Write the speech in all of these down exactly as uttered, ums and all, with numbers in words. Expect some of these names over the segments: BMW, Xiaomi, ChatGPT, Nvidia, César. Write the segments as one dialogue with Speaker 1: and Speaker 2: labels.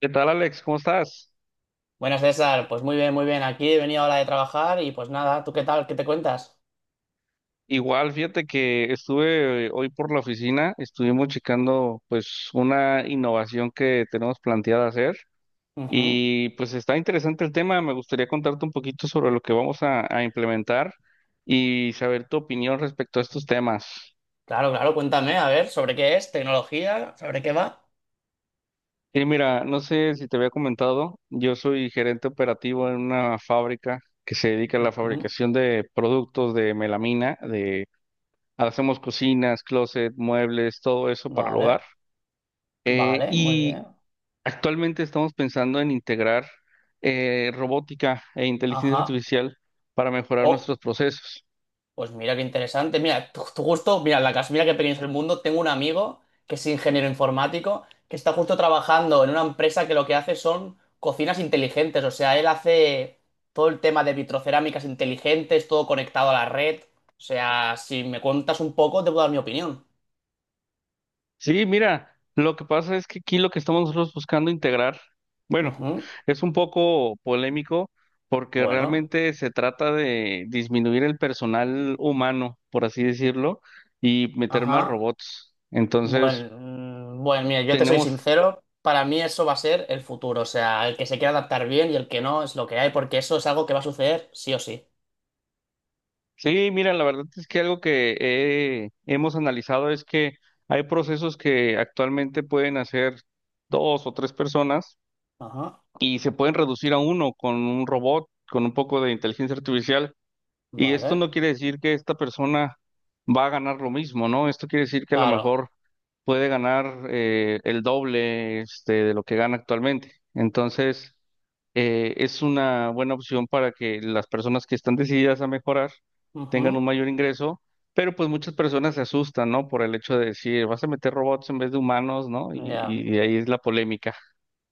Speaker 1: ¿Qué tal, Alex? ¿Cómo estás?
Speaker 2: Buenas, César, pues muy bien, muy bien. Aquí he venido ahora de trabajar y pues nada, ¿tú qué tal? ¿Qué te cuentas?
Speaker 1: Igual, fíjate que estuve eh, hoy por la oficina, estuvimos checando pues una innovación que tenemos planteada hacer,
Speaker 2: Ujú.
Speaker 1: y pues está interesante el tema, me gustaría contarte un poquito sobre lo que vamos a, a implementar y saber tu opinión respecto a estos temas.
Speaker 2: Claro, claro, cuéntame, a ver, ¿sobre qué es? ¿Tecnología? ¿Sobre qué va?
Speaker 1: Y mira, no sé si te había comentado, yo soy gerente operativo en una fábrica que se dedica a la
Speaker 2: Ujú.
Speaker 1: fabricación de productos de melamina. Hacemos cocinas, closet, muebles, todo eso para el hogar.
Speaker 2: Vale,
Speaker 1: Eh,
Speaker 2: vale, muy
Speaker 1: y
Speaker 2: bien.
Speaker 1: Actualmente estamos pensando en integrar eh, robótica e inteligencia
Speaker 2: Ajá.
Speaker 1: artificial para mejorar
Speaker 2: O-
Speaker 1: nuestros procesos.
Speaker 2: Pues mira qué interesante. Mira, tu, tu gusto, mira, la casa, mira qué pequeño es el mundo. Tengo un amigo que es ingeniero informático que está justo trabajando en una empresa que lo que hace son cocinas inteligentes. O sea, él hace todo el tema de vitrocerámicas inteligentes, todo conectado a la red. O sea, si me cuentas un poco, te puedo dar mi opinión.
Speaker 1: Sí, mira, lo que pasa es que aquí lo que estamos nosotros buscando integrar, bueno,
Speaker 2: Ujú.
Speaker 1: es un poco polémico porque
Speaker 2: Bueno,
Speaker 1: realmente se trata de disminuir el personal humano, por así decirlo, y meter más
Speaker 2: ajá.
Speaker 1: robots. Entonces,
Speaker 2: Bueno, mm, bueno, mira, yo te soy
Speaker 1: tenemos.
Speaker 2: sincero, para mí eso va a ser el futuro, o sea, el que se quiera adaptar bien y el que no es lo que hay, porque eso es algo que va a suceder sí o sí.
Speaker 1: Sí, mira, la verdad es que algo que eh, hemos analizado es que hay procesos que actualmente pueden hacer dos o tres personas
Speaker 2: Ajá,
Speaker 1: y se pueden reducir a uno con un robot, con un poco de inteligencia artificial. Y esto
Speaker 2: vale,
Speaker 1: no quiere decir que esta persona va a ganar lo mismo, ¿no? Esto quiere decir que a lo
Speaker 2: claro.
Speaker 1: mejor puede ganar eh, el doble este, de lo que gana actualmente. Entonces, eh, es una buena opción para que las personas que están decididas a mejorar tengan un
Speaker 2: Ujú,
Speaker 1: mayor ingreso, pero pues muchas personas se asustan, ¿no? Por el hecho de decir, vas a meter robots en vez de humanos, ¿no? Y,
Speaker 2: ya.
Speaker 1: y ahí es la polémica.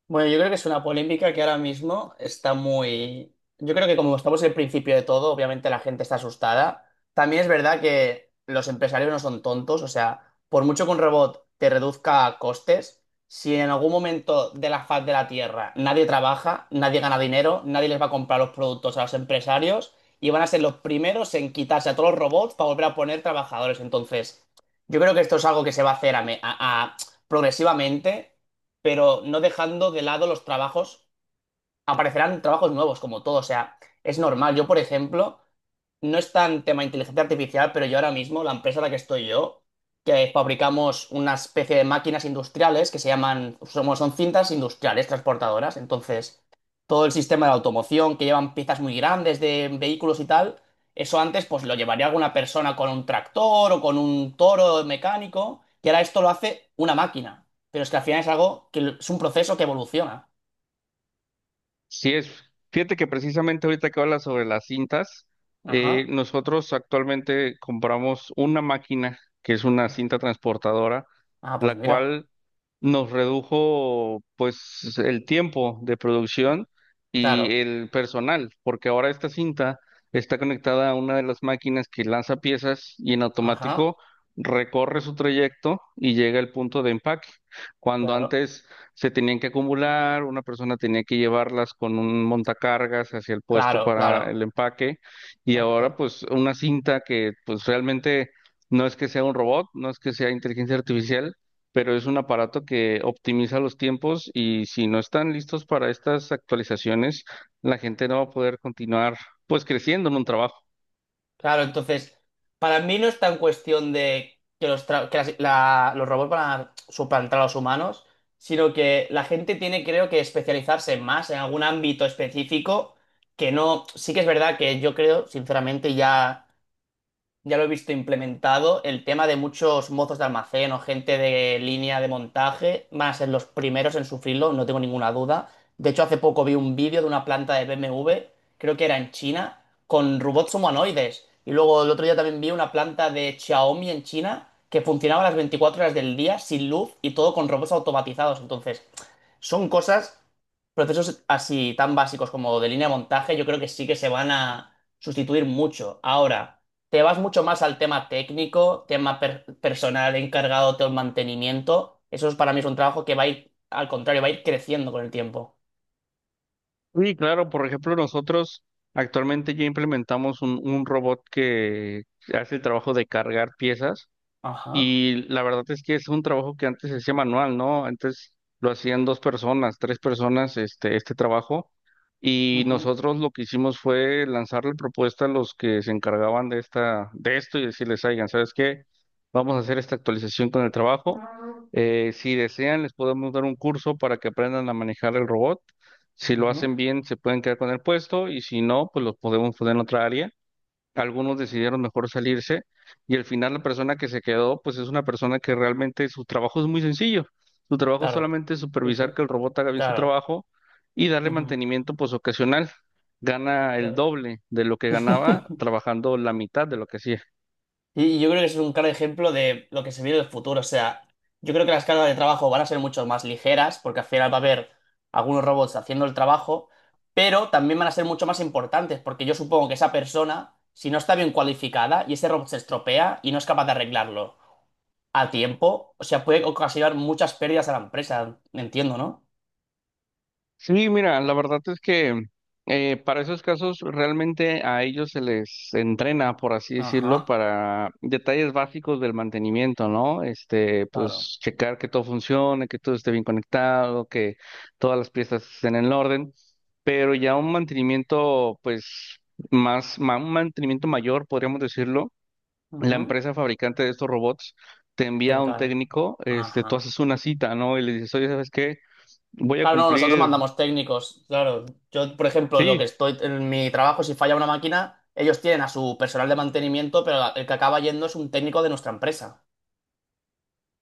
Speaker 2: Bueno, yo creo que es una polémica que ahora mismo está muy... Yo creo que como estamos en el principio de todo, obviamente la gente está asustada. También es verdad que los empresarios no son tontos, o sea, por mucho que un robot te reduzca costes, si en algún momento de la faz de la Tierra nadie trabaja, nadie gana dinero, nadie les va a comprar los productos a los empresarios y van a ser los primeros en quitarse a todos los robots para volver a poner trabajadores. Entonces, yo creo que esto es algo que se va a hacer a me- a- a- progresivamente, pero no dejando de lado los trabajos, aparecerán trabajos nuevos, como todo. O sea, es normal. Yo, por ejemplo, no es tan tema inteligencia artificial, pero yo ahora mismo, la empresa en la que estoy yo, que fabricamos una especie de máquinas industriales que se llaman, somos, son cintas industriales transportadoras. Entonces, todo el sistema de automoción que llevan piezas muy grandes de vehículos y tal, eso antes pues lo llevaría alguna persona con un tractor o con un toro mecánico, y ahora esto lo hace una máquina. Pero es que al final es algo que es un proceso que evoluciona.
Speaker 1: Sí es, fíjate que precisamente ahorita que hablas sobre las cintas, eh,
Speaker 2: Ajá.
Speaker 1: nosotros actualmente compramos una máquina que es una cinta transportadora,
Speaker 2: Ah, pues
Speaker 1: la
Speaker 2: mira,
Speaker 1: cual nos redujo pues el tiempo de producción y
Speaker 2: claro,
Speaker 1: el personal, porque ahora esta cinta está conectada a una de las máquinas que lanza piezas y en
Speaker 2: ajá,
Speaker 1: automático recorre su trayecto y llega al punto de empaque. Cuando
Speaker 2: claro,
Speaker 1: antes se tenían que acumular, una persona tenía que llevarlas con un montacargas hacia el puesto
Speaker 2: claro,
Speaker 1: para
Speaker 2: claro,
Speaker 1: el empaque, y ahora
Speaker 2: exacto.
Speaker 1: pues una cinta que pues realmente no es que sea un robot, no es que sea inteligencia artificial, pero es un aparato que optimiza los tiempos, y si no están listos para estas actualizaciones, la gente no va a poder continuar pues creciendo en un trabajo.
Speaker 2: Claro, entonces, para mí no está en cuestión de que los, tra- que las- la- los robots van a suplantar a los humanos, sino que la gente tiene, creo que, especializarse más en algún ámbito específico, que no, sí que es verdad que yo creo, sinceramente, ya... ya lo he visto implementado, el tema de muchos mozos de almacén o gente de línea de montaje van a ser los primeros en sufrirlo, no tengo ninguna duda. De hecho, hace poco vi un vídeo de una planta de B M W, creo que era en China, con robots humanoides. Y luego el otro día también vi una planta de Xiaomi en China que funcionaba las veinticuatro horas del día sin luz y todo con robots automatizados. Entonces, son cosas, procesos así tan básicos como de línea de montaje, yo creo que sí que se van a sustituir mucho. Ahora. Te vas mucho más al tema técnico, tema per- personal encargado del mantenimiento. Eso es, para mí es un trabajo que va a ir, al contrario, va a ir creciendo con el tiempo.
Speaker 1: Sí claro, por ejemplo, nosotros actualmente ya implementamos un, un robot que hace el trabajo de cargar piezas.
Speaker 2: Ajá.
Speaker 1: Y la verdad es que es un trabajo que antes se hacía manual, ¿no? Antes lo hacían dos personas, tres personas, este, este trabajo. Y
Speaker 2: Ujú,
Speaker 1: nosotros lo que hicimos fue lanzarle propuesta a los que se encargaban de esta, de esto y decirles, oigan, ¿sabes qué? Vamos a hacer esta actualización con el trabajo. Eh, si desean, les podemos dar un curso para que aprendan a manejar el robot. Si lo hacen
Speaker 2: ujú.
Speaker 1: bien, se pueden quedar con el puesto y si no, pues los podemos poner en otra área. Algunos decidieron mejor salirse, y al final la persona que se quedó, pues es una persona que realmente su trabajo es muy sencillo. Su trabajo
Speaker 2: Claro.
Speaker 1: solamente es supervisar
Speaker 2: Dije.
Speaker 1: que el robot haga bien su
Speaker 2: Claro.
Speaker 1: trabajo y darle
Speaker 2: Ujú,
Speaker 1: mantenimiento pues ocasional. Gana el
Speaker 2: claro.
Speaker 1: doble de lo que ganaba trabajando la mitad de lo que hacía.
Speaker 2: Y y yo creo que eso es un claro ejemplo de lo que se viene en el futuro. O sea, yo creo que las cargas de trabajo van a ser mucho más ligeras, porque al final va a haber algunos robots haciendo el trabajo, pero también van a ser mucho más importantes, porque yo supongo que esa persona, si no está bien cualificada y ese robot se estropea y no es capaz de arreglarlo a tiempo, o sea, puede ocasionar muchas pérdidas a la empresa. Entiendo, ¿no?
Speaker 1: Sí, mira, la verdad es que eh, para esos casos realmente a ellos se les entrena, por así decirlo,
Speaker 2: Ajá,
Speaker 1: para detalles básicos del mantenimiento, ¿no? Este,
Speaker 2: claro.
Speaker 1: pues checar que todo funcione, que todo esté bien conectado, que todas las piezas estén en orden, pero ya un mantenimiento, pues más, ma- un mantenimiento mayor, podríamos decirlo, la
Speaker 2: Ujú.
Speaker 1: empresa fabricante de estos robots te
Speaker 2: Se
Speaker 1: envía a un
Speaker 2: encarga.
Speaker 1: técnico, este, tú
Speaker 2: Ajá.
Speaker 1: haces una cita, ¿no? Y le dices, oye, ¿sabes qué? Voy a
Speaker 2: Claro, no, nosotros
Speaker 1: cumplir.
Speaker 2: mandamos técnicos. Claro, yo, por ejemplo, lo que
Speaker 1: Sí,
Speaker 2: estoy en mi trabajo, si falla una máquina, ellos tienen a su personal de mantenimiento, pero la- el que acaba yendo es un técnico de nuestra empresa.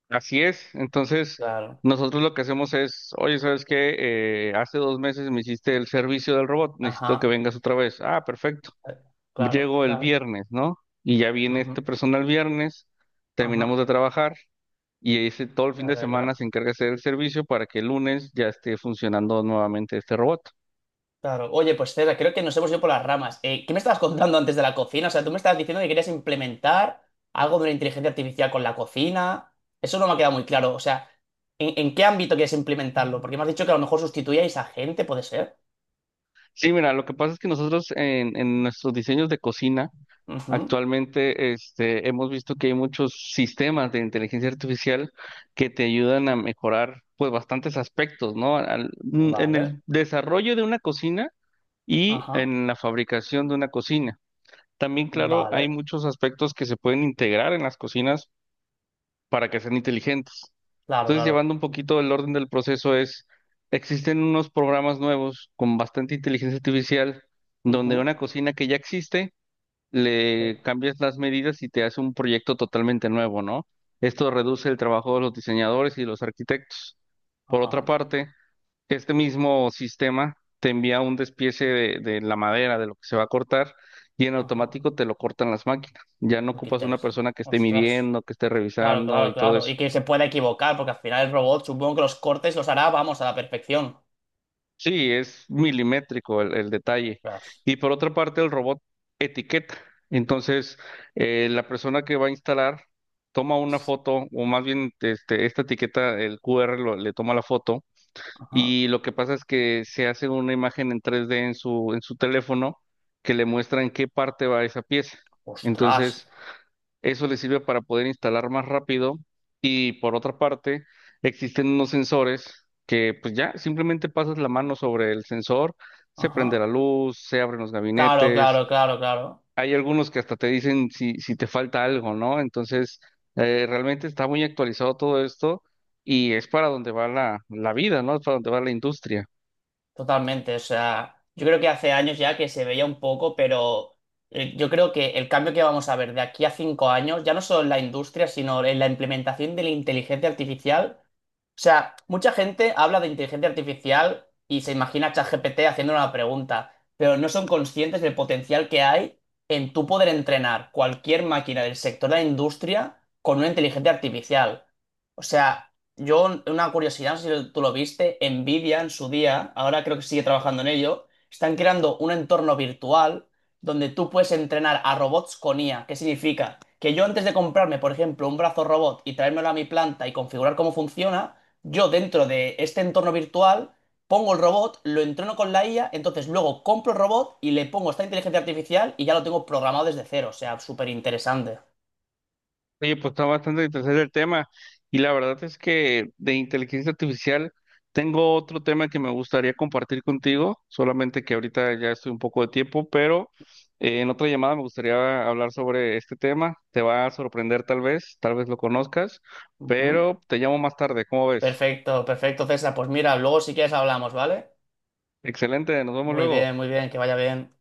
Speaker 1: así es. Entonces,
Speaker 2: Claro,
Speaker 1: nosotros lo que hacemos es, oye, ¿sabes qué? Eh, hace dos meses me hiciste el servicio del robot, necesito que
Speaker 2: ajá,
Speaker 1: vengas otra vez. Ah, perfecto.
Speaker 2: eh, claro,
Speaker 1: Llego el
Speaker 2: claro,
Speaker 1: viernes, ¿no? Y ya viene esta
Speaker 2: ujú,
Speaker 1: persona el viernes, terminamos
Speaker 2: ajá,
Speaker 1: de trabajar y ese, todo el fin
Speaker 2: la
Speaker 1: de semana
Speaker 2: regla.
Speaker 1: se encarga de hacer el servicio para que el lunes ya esté funcionando nuevamente este robot.
Speaker 2: Claro, oye, pues César, creo que nos hemos ido por las ramas. Eh, ¿qué me estabas contando antes de la cocina? O sea, tú me estabas diciendo que querías implementar algo de la inteligencia artificial con la cocina. Eso no me ha quedado muy claro. O sea, ¿en, en qué ámbito quieres implementarlo? Porque me has dicho que a lo mejor sustituíais a gente, ¿puede ser?
Speaker 1: Sí, mira, lo que pasa es que nosotros en en nuestros diseños de cocina,
Speaker 2: Ujú,
Speaker 1: actualmente, este, hemos visto que hay muchos sistemas de inteligencia artificial que te ayudan a mejorar, pues, bastantes aspectos, ¿no? Al- mm, en
Speaker 2: vale,
Speaker 1: el desarrollo de una cocina y
Speaker 2: ajá,
Speaker 1: en la fabricación de una cocina. También, claro, hay
Speaker 2: vale,
Speaker 1: muchos aspectos que se pueden integrar en las cocinas para que sean inteligentes.
Speaker 2: claro,
Speaker 1: Entonces,
Speaker 2: claro.
Speaker 1: llevando un poquito el orden del proceso es, existen unos programas nuevos con bastante inteligencia artificial donde
Speaker 2: Ujú,
Speaker 1: una cocina que ya existe
Speaker 2: eh,
Speaker 1: le cambias las medidas y te hace un proyecto totalmente nuevo, ¿no? Esto reduce el trabajo de los diseñadores y los arquitectos. Por otra
Speaker 2: ajá,
Speaker 1: parte, este mismo sistema te envía un despiece de, de la madera, de lo que se va a cortar, y en
Speaker 2: ajá.
Speaker 1: automático te lo cortan las máquinas. Ya no
Speaker 2: Uy, qué
Speaker 1: ocupas una
Speaker 2: interesante.
Speaker 1: persona que esté
Speaker 2: Ostras,
Speaker 1: midiendo, que esté
Speaker 2: claro,
Speaker 1: revisando
Speaker 2: claro,
Speaker 1: y todo
Speaker 2: claro.
Speaker 1: eso.
Speaker 2: Y que se pueda equivocar, porque al final el robot supongo que los cortes los hará, vamos, a la perfección.
Speaker 1: Sí, es milimétrico el, el detalle.
Speaker 2: Ostras,
Speaker 1: Y por otra parte, el robot etiqueta. Entonces, eh, la persona que va a instalar toma una foto, o más bien este, esta etiqueta, el Q R lo- le toma la foto,
Speaker 2: ajá,
Speaker 1: y lo que pasa es que se hace una imagen en tres D en su, en su teléfono que le muestra en qué parte va esa pieza.
Speaker 2: ostras,
Speaker 1: Entonces, eso le sirve para poder instalar más rápido, y por otra parte existen unos sensores que pues ya simplemente pasas la mano sobre el sensor, se prende la
Speaker 2: ajá.
Speaker 1: luz, se abren los
Speaker 2: Claro,
Speaker 1: gabinetes,
Speaker 2: claro, claro, claro.
Speaker 1: hay algunos que hasta te dicen si, si te falta algo, ¿no? Entonces, eh, realmente está muy actualizado todo esto, y es para donde va la, la vida, ¿no? Es para donde va la industria.
Speaker 2: Totalmente, o sea, yo creo que hace años ya que se veía un poco, pero eh, yo creo que el cambio que vamos a ver de aquí a cinco años, ya no solo en la industria, sino en la implementación de la inteligencia artificial. O sea, mucha gente habla de inteligencia artificial y se imagina a ChatGPT haciendo una pregunta, pero no son conscientes del potencial que hay en tú poder entrenar cualquier máquina del sector de la industria con una inteligencia artificial. O sea, yo, una curiosidad, no sé si tú lo viste, Nvidia en su día, ahora creo que sigue trabajando en ello, están creando un entorno virtual donde tú puedes entrenar a robots con I A. ¿Qué significa? Que yo antes de comprarme, por ejemplo, un brazo robot y traérmelo a mi planta y configurar cómo funciona, yo dentro de este entorno virtual pongo el robot, lo entreno con la I A, entonces luego compro el robot y le pongo esta inteligencia artificial y ya lo tengo programado desde cero. O sea, súper interesante.
Speaker 1: Oye, pues está bastante interesante el tema. Y la verdad es que de inteligencia artificial tengo otro tema que me gustaría compartir contigo, solamente que ahorita ya estoy un poco de tiempo, pero eh, en otra llamada me gustaría hablar sobre este tema. Te va a sorprender, tal vez, tal vez lo conozcas,
Speaker 2: Ujú.
Speaker 1: pero te llamo más tarde, ¿cómo ves?
Speaker 2: Perfecto, perfecto, César. Pues mira, luego si quieres hablamos, ¿vale?
Speaker 1: Excelente, nos vemos
Speaker 2: Muy
Speaker 1: luego.
Speaker 2: bien, muy bien, que vaya bien.